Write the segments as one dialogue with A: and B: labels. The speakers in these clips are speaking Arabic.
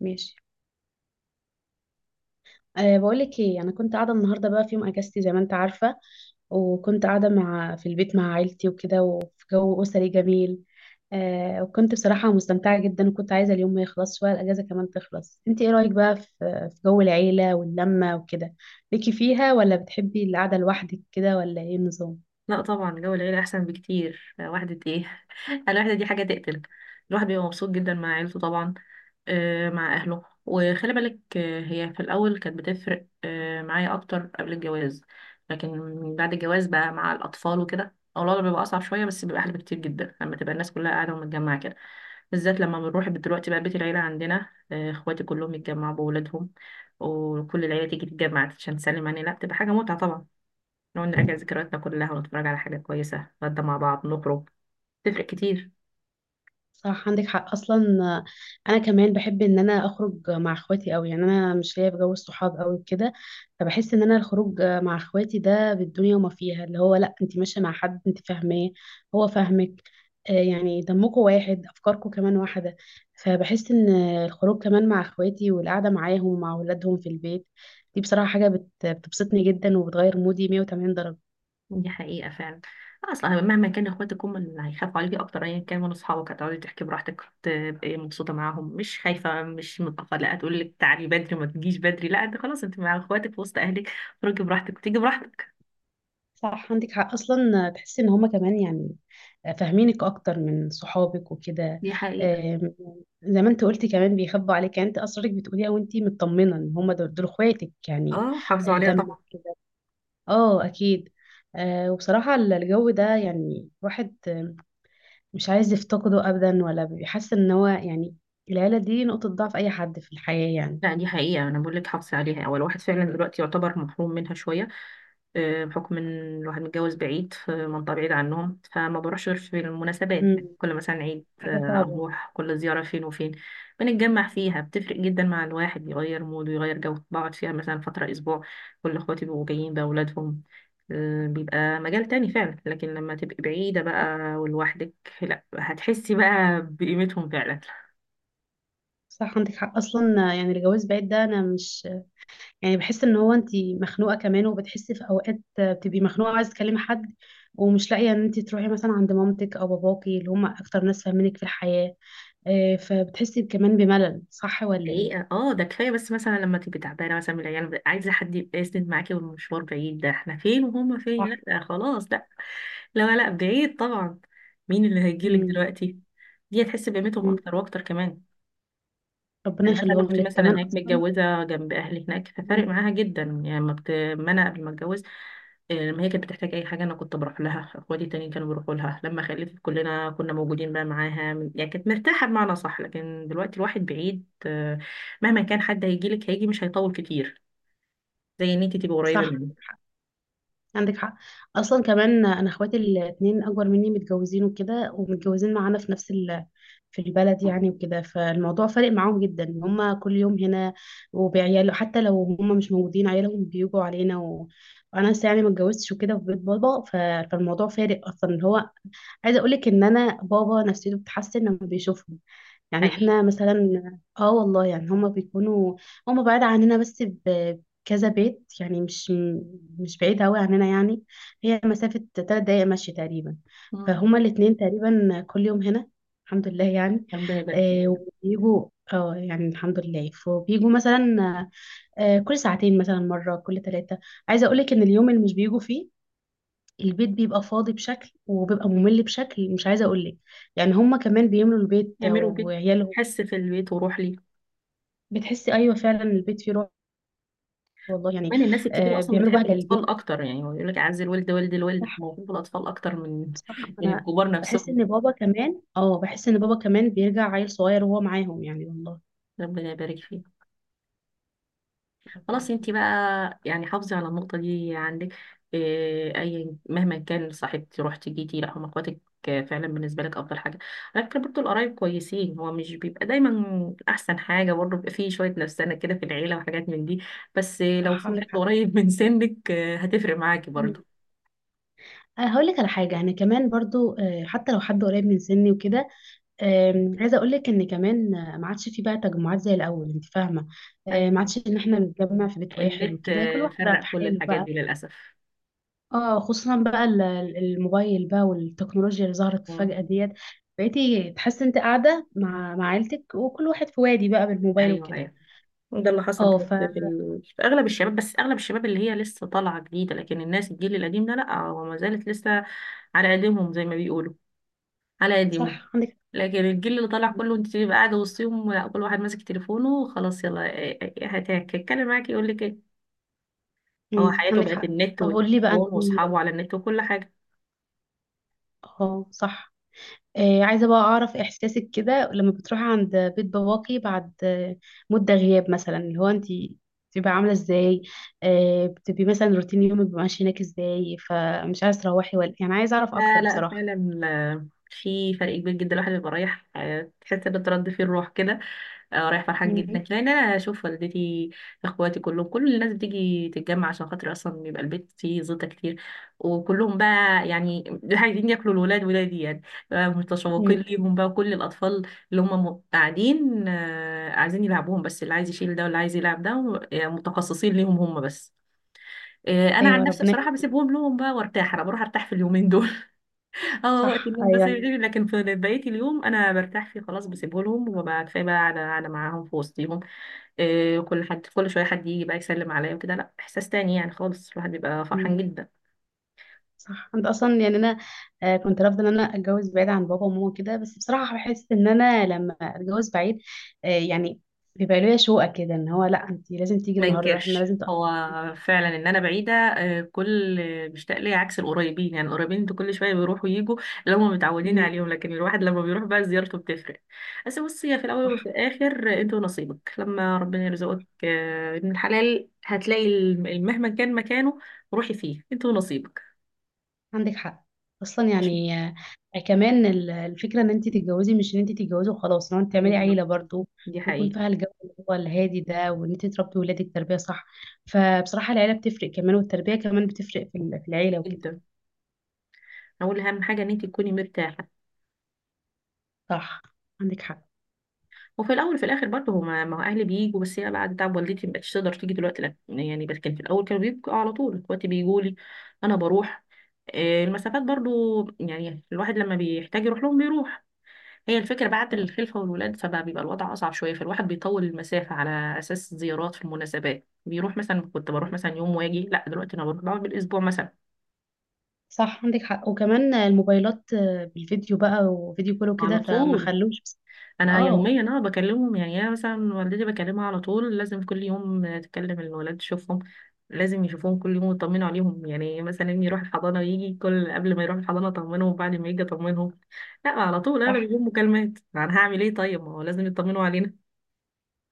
A: ماشي. بقولك ايه، انا كنت قاعده النهارده بقى في يوم اجازتي زي ما انت عارفه. وكنت قاعده في البيت مع عيلتي وكده، وفي جو اسري جميل. وكنت بصراحه مستمتعه جدا، وكنت عايزه اليوم ما يخلصش ولا الاجازه كمان تخلص. انت ايه رايك بقى في جو العيله واللمه وكده؟ ليكي فيها، ولا بتحبي القعده لوحدك كده، ولا ايه النظام؟
B: لا طبعا، جو العيلة أحسن بكتير. وحدة ايه الوحدة دي حاجة تقتل الواحد. بيبقى مبسوط جدا مع عيلته طبعا، مع أهله. وخلي بالك، هي في الأول كانت بتفرق معايا أكتر قبل الجواز، لكن بعد الجواز بقى مع الأطفال وكده أو الوضع بيبقى أصعب شوية، بس بيبقى أحلى بكتير جدا لما تبقى الناس كلها قاعدة ومتجمعة كده، بالذات لما بنروح دلوقتي بقى بيت العيلة عندنا، إخواتي كلهم يتجمعوا بأولادهم وكل العيلة تيجي تتجمع عشان تسلم علينا. لا، بتبقى حاجة متعة طبعا. نقعد نراجع ذكرياتنا كلها ونتفرج على حاجة كويسة، نتغدى مع بعض، نخرج. تفرق كتير.
A: صح، عندك حق اصلا. انا كمان بحب ان انا اخرج مع اخواتي قوي، يعني انا مش ليا في جو الصحاب قوي كده. فبحس ان انا الخروج مع اخواتي ده بالدنيا وما فيها، اللي هو لا انت ماشيه مع حد انت فاهماه، هو فاهمك. يعني دمكم واحد، افكاركم كمان واحده. فبحس ان الخروج كمان مع اخواتي والقعده معاهم مع اولادهم في البيت، دي بصراحه حاجه بتبسطني جدا وبتغير مودي 180 درجه.
B: دي حقيقة فعلا. أصلا مهما كان، إخواتك هم اللي هيخافوا عليكي أكتر، أيا كان من أصحابك. هتقعدي تحكي براحتك، تبقي مبسوطة معاهم، مش خايفة، مش متأخرة. لا تقول لك تعالي بدري، ما تجيش بدري. لا، أنت خلاص أنت مع إخواتك في وسط أهلك. خرجي براحتك وتيجي براحتك.
A: صح، عندك حق اصلا. تحسي ان هما كمان يعني فاهمينك اكتر من صحابك وكده.
B: دي حقيقة.
A: آم، زي ما انت قلتي كمان بيخبوا عليك، يعني انت اسرارك بتقوليها وانت مطمنه ان هما دول اخواتك يعني.
B: اه، حافظوا
A: آه،
B: عليها
A: دم
B: طبعا.
A: اه اكيد. وبصراحه الجو ده يعني الواحد مش عايز يفتقده ابدا، ولا بيحس ان هو يعني العيله دي نقطه ضعف اي حد في الحياه يعني.
B: لا، دي حقيقة أنا بقول لك حافظي عليها. هو الواحد فعلا دلوقتي يعتبر محروم منها شوية، بحكم إن الواحد متجوز بعيد في منطقة بعيدة عنهم، فما بروحش غير في المناسبات. يعني
A: مم،
B: كل مثلا عيد
A: حاجه صعبه.
B: أروح، كل زيارة فين وفين بنتجمع فيها بتفرق جدا مع الواحد، يغير موده، يغير جو، بقعد فيها مثلا فترة أسبوع. كل إخواتي بيبقوا جايين بأولادهم، بيبقى مجال تاني فعلا. لكن لما تبقي بعيدة بقى ولوحدك، لا هتحسي بقى بقيمتهم فعلا.
A: صح، عندك حق اصلا. يعني الجواز بعيد ده انا مش يعني، بحس ان هو انت مخنوقه كمان، وبتحسي في اوقات بتبقي مخنوقه وعايزه تكلمي حد ومش لاقيه، ان انت تروحي مثلا عند مامتك او باباكي اللي هم اكتر ناس فاهمينك في الحياه. فبتحسي كمان بملل، صح ولا ايه؟
B: حقيقة اه، ده كفاية. بس مثلا لما تبقي تعبانة مثلا من العيال، عايزة حد يبقى يسند معاكي، والمشوار بعيد، ده احنا فين وهما فين،
A: صح.
B: لا ده خلاص. لا لا، لا بعيد طبعا. مين اللي هيجيلك
A: مم.
B: دلوقتي؟ دي هتحس بقيمتهم
A: مم.
B: أكتر وأكتر كمان.
A: ربنا
B: يعني مثلا
A: يخليهم
B: اختي
A: لك
B: مثلا
A: كمان
B: هناك
A: اصلا.
B: متجوزه جنب اهلي هناك، ففارق
A: مم.
B: معاها جدا. يعني ما انا قبل ما اتجوز، لما هي كانت بتحتاج اي حاجه انا كنت بروح لها، اخواتي التانيين كانوا بيروحوا لها، لما خلفت كلنا كنا موجودين بقى معاها. يعني كانت مرتاحه بمعنى صح. لكن دلوقتي الواحد بعيد، مهما كان حد هيجي لك، هيجي مش هيطول كتير زي ان انت تبقي قريبه
A: صح،
B: منه.
A: عندك حق اصلا. كمان انا اخواتي الاتنين اكبر مني متجوزين وكده، ومتجوزين معانا في نفس في البلد يعني وكده. فالموضوع فارق معاهم جدا إن هما كل يوم هنا وبعياله. حتى لو هما مش موجودين، بيجوا علينا وانا لسه يعني ما اتجوزتش وكده، في بيت بابا. فالموضوع فارق اصلا، اللي هو عايزه اقول لك ان انا بابا نفسيته بتتحسن لما بيشوفهم. يعني
B: حقيقي.
A: احنا مثلا اه والله يعني هما بيكونوا، هما بعاد عننا بس كذا بيت، يعني مش مش بعيد أوي عننا يعني. هي مسافة 3 دقايق مشي تقريبا.
B: مم.
A: فهما الاتنين تقريبا كل يوم هنا، الحمد لله يعني.
B: ربنا يبارك فيهم.
A: وبيجوا، اه يعني الحمد لله، فبيجوا مثلا كل ساعتين مثلا مرة، كل ثلاثة. عايزة أقولك إن اليوم اللي مش بيجوا فيه، البيت بيبقى فاضي بشكل وبيبقى ممل بشكل مش عايزة أقولك. يعني هما كمان بيملوا البيت
B: يعملوا بيت،
A: وعيالهم.
B: حس في البيت، وروح لي.
A: بتحسي أيوة فعلا، البيت فيه روح، والله يعني.
B: كمان الناس الكبيرة أصلا
A: بيعملوا
B: بتحب
A: بهجة للبيت.
B: الأطفال أكتر. يعني هو يقول لك أعز الولد ولد الولد، فموهوب الأطفال أكتر من
A: صح،
B: من
A: انا
B: الكبار
A: بحس
B: نفسهم.
A: ان بابا كمان، اه بحس ان بابا كمان بيرجع عيل صغير وهو معاهم يعني، والله.
B: ربنا يبارك فيك. خلاص أنت
A: اوكي.
B: بقى يعني حافظي على النقطة دي عندك. أي مهما كان صاحبتي، رحتي جيتي، لا هم إخواتك فعلا بالنسبة لك أفضل حاجة. على فكرة برضه القرايب كويسين، هو مش بيبقى دايما أحسن حاجة، برضه بيبقى فيه شوية نفسنة كده في العيلة وحاجات من دي. بس لو
A: صح،
B: في حد
A: عندك حق.
B: قريب من سنك، هتفرق معاكي برضه.
A: مم. أنا هقول لك على حاجة. أنا كمان برضو حتى لو حد قريب من سني وكده، عايزة أقول لك إن كمان ما عادش في بقى تجمعات زي الأول، أنت فاهمة. ما
B: أيوة،
A: عادش إن إحنا بنتجمع في بيت واحد
B: النت
A: وكده، كل واحد بقى في
B: فرق كل
A: حاله
B: الحاجات
A: بقى.
B: دي للأسف.
A: اه خصوصا بقى الموبايل بقى والتكنولوجيا اللي ظهرت فجأة
B: مم.
A: ديت. بقيتي تحسي أنت قاعدة مع عيلتك، وكل واحد في وادي بقى بالموبايل
B: ايوه
A: وكده.
B: ايوه، ده اللي حصل
A: اه ف،
B: دلوقتي في اغلب الشباب. بس اغلب الشباب اللي هي لسه طالعه جديده، لكن الناس الجيل القديم ده لا، هو ما زالت لسه على قديمهم زي ما بيقولوا، على قديمهم.
A: صح عندك
B: لكن الجيل اللي طالع
A: حق.
B: كله انت تبقى قاعده وسطهم، لا كل واحد ماسك تليفونه. خلاص يلا إيه هتتكلم معاك، يقول لك ايه؟ هو حياته
A: عندك
B: بقت
A: حق.
B: النت
A: طب قولي لي بقى انت،
B: والتليفون واصحابه على النت وكل حاجه.
A: اه صح، آه عايزه بقى اعرف احساسك كده لما بتروحي عند بيت باباكي بعد مده غياب مثلا، اللي هو انت بتبقى عامله ازاي؟ بتبقي مثلا روتين يومك بيبقى ماشي هناك ازاي؟ فمش عايزه تروحي ولا يعني، عايزه اعرف
B: لا
A: اكتر
B: لا،
A: بصراحه.
B: فعلا في فرق كبير جدا. الواحد بيبقى رايح، تحس ان ترد فيه الروح كده. اه رايح فرحان جدا
A: امم
B: لان انا اشوف والدتي، اخواتي كلهم، كل الناس بتيجي تتجمع عشان خاطر، اصلا بيبقى البيت فيه زيطه كتير. وكلهم بقى يعني عايزين ياكلوا الولاد، ولادي يعني، بقى
A: أمم.
B: متشوقين ليهم بقى. وكل الاطفال اللي هم قاعدين، عايزين يلعبوهم، بس اللي عايز يشيل ده واللي عايز يلعب ده متخصصين ليهم هم بس. انا عن
A: ايوه،
B: نفسي
A: ربنا
B: بصراحه بسيبهم لهم بقى وارتاح، انا بروح ارتاح في اليومين دول. اه وقت
A: صح.
B: النوم
A: ايوه،
B: بس،
A: أيوة.
B: لكن في بقيه اليوم انا برتاح فيه، خلاص بسيبه لهم وببقى كفايه بقى على معاهم في وسطهم. كل حد كل شويه حد يجي بقى يسلم عليا وكده، لا احساس تاني يعني خالص، الواحد بيبقى فرحان جدا.
A: صح، انت اصلا يعني انا كنت رافضه ان انا اتجوز بعيد عن بابا وماما كده، بس بصراحه بحس ان انا لما اتجوز بعيد يعني بيبقى ليا شوقه كده، ان هو لا انت لازم تيجي
B: ما
A: النهارده، احنا
B: ينكرش
A: لازم
B: هو فعلا ان انا بعيده، إيه، كل بيشتاق لي عكس القريبين. يعني القريبين انتوا كل شويه بيروحوا ويجوا، اللي هم متعودين
A: مم،
B: عليهم، لكن الواحد لما بيروح بقى زيارته بتفرق. بس بصي، هي في الاول وفي
A: صح،
B: الاخر، انت ونصيبك. لما ربنا يرزقك ابن الحلال، هتلاقي مهما كان مكانه روحي فيه، انت ونصيبك.
A: عندك حق اصلا
B: مش
A: يعني. كمان الفكره ان انت تتجوزي، مش ان انت تتجوزي وخلاص، ان انت تعملي عيله
B: بالظبط،
A: برضو
B: دي
A: يكون
B: حقيقه
A: فيها الجو اللي هو الهادي ده، وان انت تربي ولادك تربيه صح. فبصراحه العيله بتفرق كمان، والتربيه كمان بتفرق في في العيله وكده.
B: جدا. اقول اهم حاجه ان انت تكوني مرتاحه.
A: صح، عندك حق.
B: وفي الاول وفي الاخر برضه، هما ما هو اهلي بيجوا، بس هي بعد تعب والدتي ما بقتش تقدر تيجي دلوقتي، لا يعني. بس كان في الاول كانوا بيجوا على طول، دلوقتي بيجوا لي، انا بروح. المسافات برضو يعني الواحد لما بيحتاج يروح لهم بيروح. هي الفكرة بعد الخلفة والولاد، فبقى بيبقى الوضع أصعب شوية، فالواحد بيطول المسافة على أساس زيارات في المناسبات. بيروح مثلا، كنت بروح مثلا يوم واجي، لا دلوقتي أنا بروح بقعد بالأسبوع مثلا.
A: صح، عندك حق. وكمان الموبايلات بالفيديو بقى، وفيديو كله
B: على
A: كده، فما
B: طول
A: خلوش.
B: انا
A: اه
B: يوميا بكلمهم. يعني انا مثلا والدتي بكلمها على طول، لازم كل يوم تكلم الولاد تشوفهم، لازم يشوفوهم كل يوم ويطمنوا عليهم. يعني مثلا ابني يروح الحضانه ويجي، كل قبل ما يروح الحضانه اطمنهم، وبعد ما يجي اطمنهم. لا على طول انا
A: صح.
B: بيجيهم مكالمات، انا هعمل ايه؟ طيب ما هو لازم يطمنوا علينا.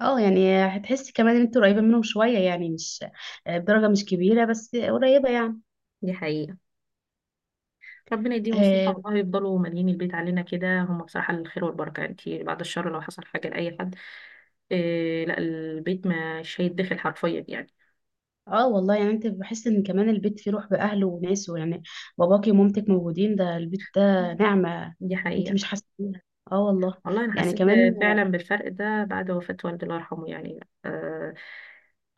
A: اه، يعني هتحسي كمان ان انت قريبة منهم شوية، يعني مش بدرجة مش كبيرة، بس قريبة يعني.
B: دي حقيقه. ربنا يديهم الصحه،
A: اه.
B: والله يفضلوا مالين البيت علينا كده، هم بصراحه الخير والبركه، انت بعد الشر لو حصل حاجه لاي حد، إيه لا، البيت مش هيتدخل حرفيا يعني.
A: والله يعني، انت بحس ان كمان البيت فيه روح بأهله وناسه يعني. باباكي ومامتك موجودين، ده البيت ده نعمة
B: دي
A: انت
B: حقيقه.
A: مش حاسة بيها. اه والله
B: والله أنا
A: يعني
B: حسيت
A: كمان.
B: فعلا بالفرق ده بعد وفاة والدي الله يرحمه.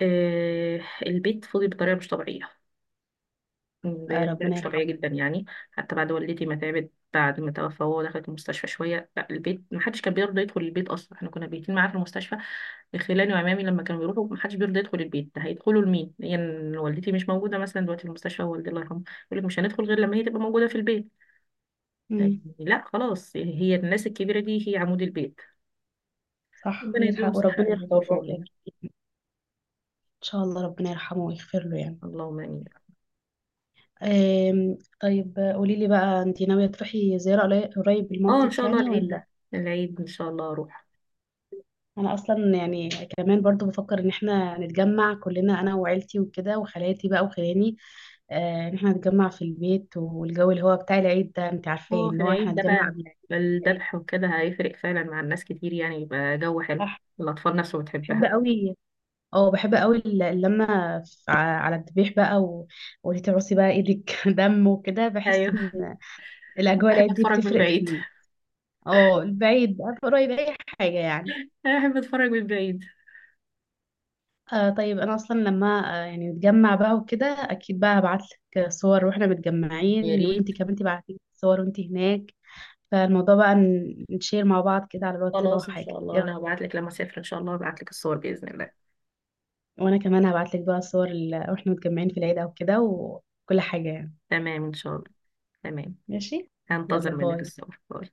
B: آه البيت فضي بطريقة مش طبيعية، بطريقة
A: ربنا
B: مش طبيعية
A: يرحمه.
B: جدا يعني. حتى بعد والدتي ما تعبت، بعد ما توفى وهو دخلت المستشفى شوية، لا البيت محدش كان بيرضى يدخل البيت أصلا، احنا كنا بيتين معاه في المستشفى. خلاني وعمامي لما كانوا بيروحوا محدش بيرضى يدخل البيت، ده هيدخلوا لمين؟ هي يعني والدتي مش موجودة مثلا دلوقتي، في المستشفى والدي الله يرحمه، يقول لك مش هندخل غير لما هي تبقى موجودة في البيت.
A: امم
B: يعني لا خلاص، هي الناس الكبيرة دي هي عمود البيت.
A: صح،
B: ربنا
A: عندك
B: يديهم
A: حق.
B: صحة
A: وربنا يرحم
B: ويطول في
A: باباكي، ان
B: عمرهم.
A: شاء الله ربنا يرحمه ويغفر له يعني.
B: اللهم آمين.
A: طيب قولي لي بقى، انت ناوية تروحي زيارة قريب
B: اه إن
A: لمامتك
B: شاء الله
A: يعني
B: العيد ده،
A: ولا؟
B: العيد إن شاء الله أروح.
A: انا اصلا يعني كمان برضو بفكر ان احنا نتجمع كلنا، انا وعيلتي وكده، وخالاتي بقى وخلاني، ان احنا نتجمع في البيت، والجو اللي هو بتاع العيد ده انت عارفاه،
B: اه في
A: ان هو احنا
B: العيد ده
A: نتجمع
B: بقى
A: قبل العيد.
B: الذبح وكده هيفرق فعلا مع الناس كتير، يعني يبقى جو حلو.
A: صح.
B: الأطفال نفسه
A: بحب
B: بتحبها.
A: قوي. اه بحب قوي اللمة. ف- ع- على الذبيح بقى وليه تعوصي بقى ايدك دم وكده، بحس
B: أيوه.
A: ان الاجواء
B: بحب
A: العيد دي
B: أتفرج من
A: بتفرق
B: بعيد.
A: في، اه البعيد بقى قريب اي حاجة يعني.
B: أنا بحب أتفرج من بعيد.
A: طيب انا اصلا لما يعني نتجمع بقى وكده، اكيد بقى هبعت لك صور واحنا
B: يا
A: متجمعين، وانتي
B: ريت.
A: كمان تبعتي لي صور وانتي هناك. فالموضوع بقى نشير مع بعض كده على الواتساب او
B: خلاص إن
A: حاجه،
B: شاء
A: ايه
B: الله،
A: رايك؟
B: أنا هبعت لك لما أسافر إن شاء الله، هبعت لك الصور بإذن الله.
A: وانا كمان هبعت لك بقى صور واحنا متجمعين في العيد او كده، وكل حاجه يعني.
B: تمام إن شاء الله. تمام.
A: ماشي. يلا
B: هنتظر منك
A: باي.
B: الصور، باي.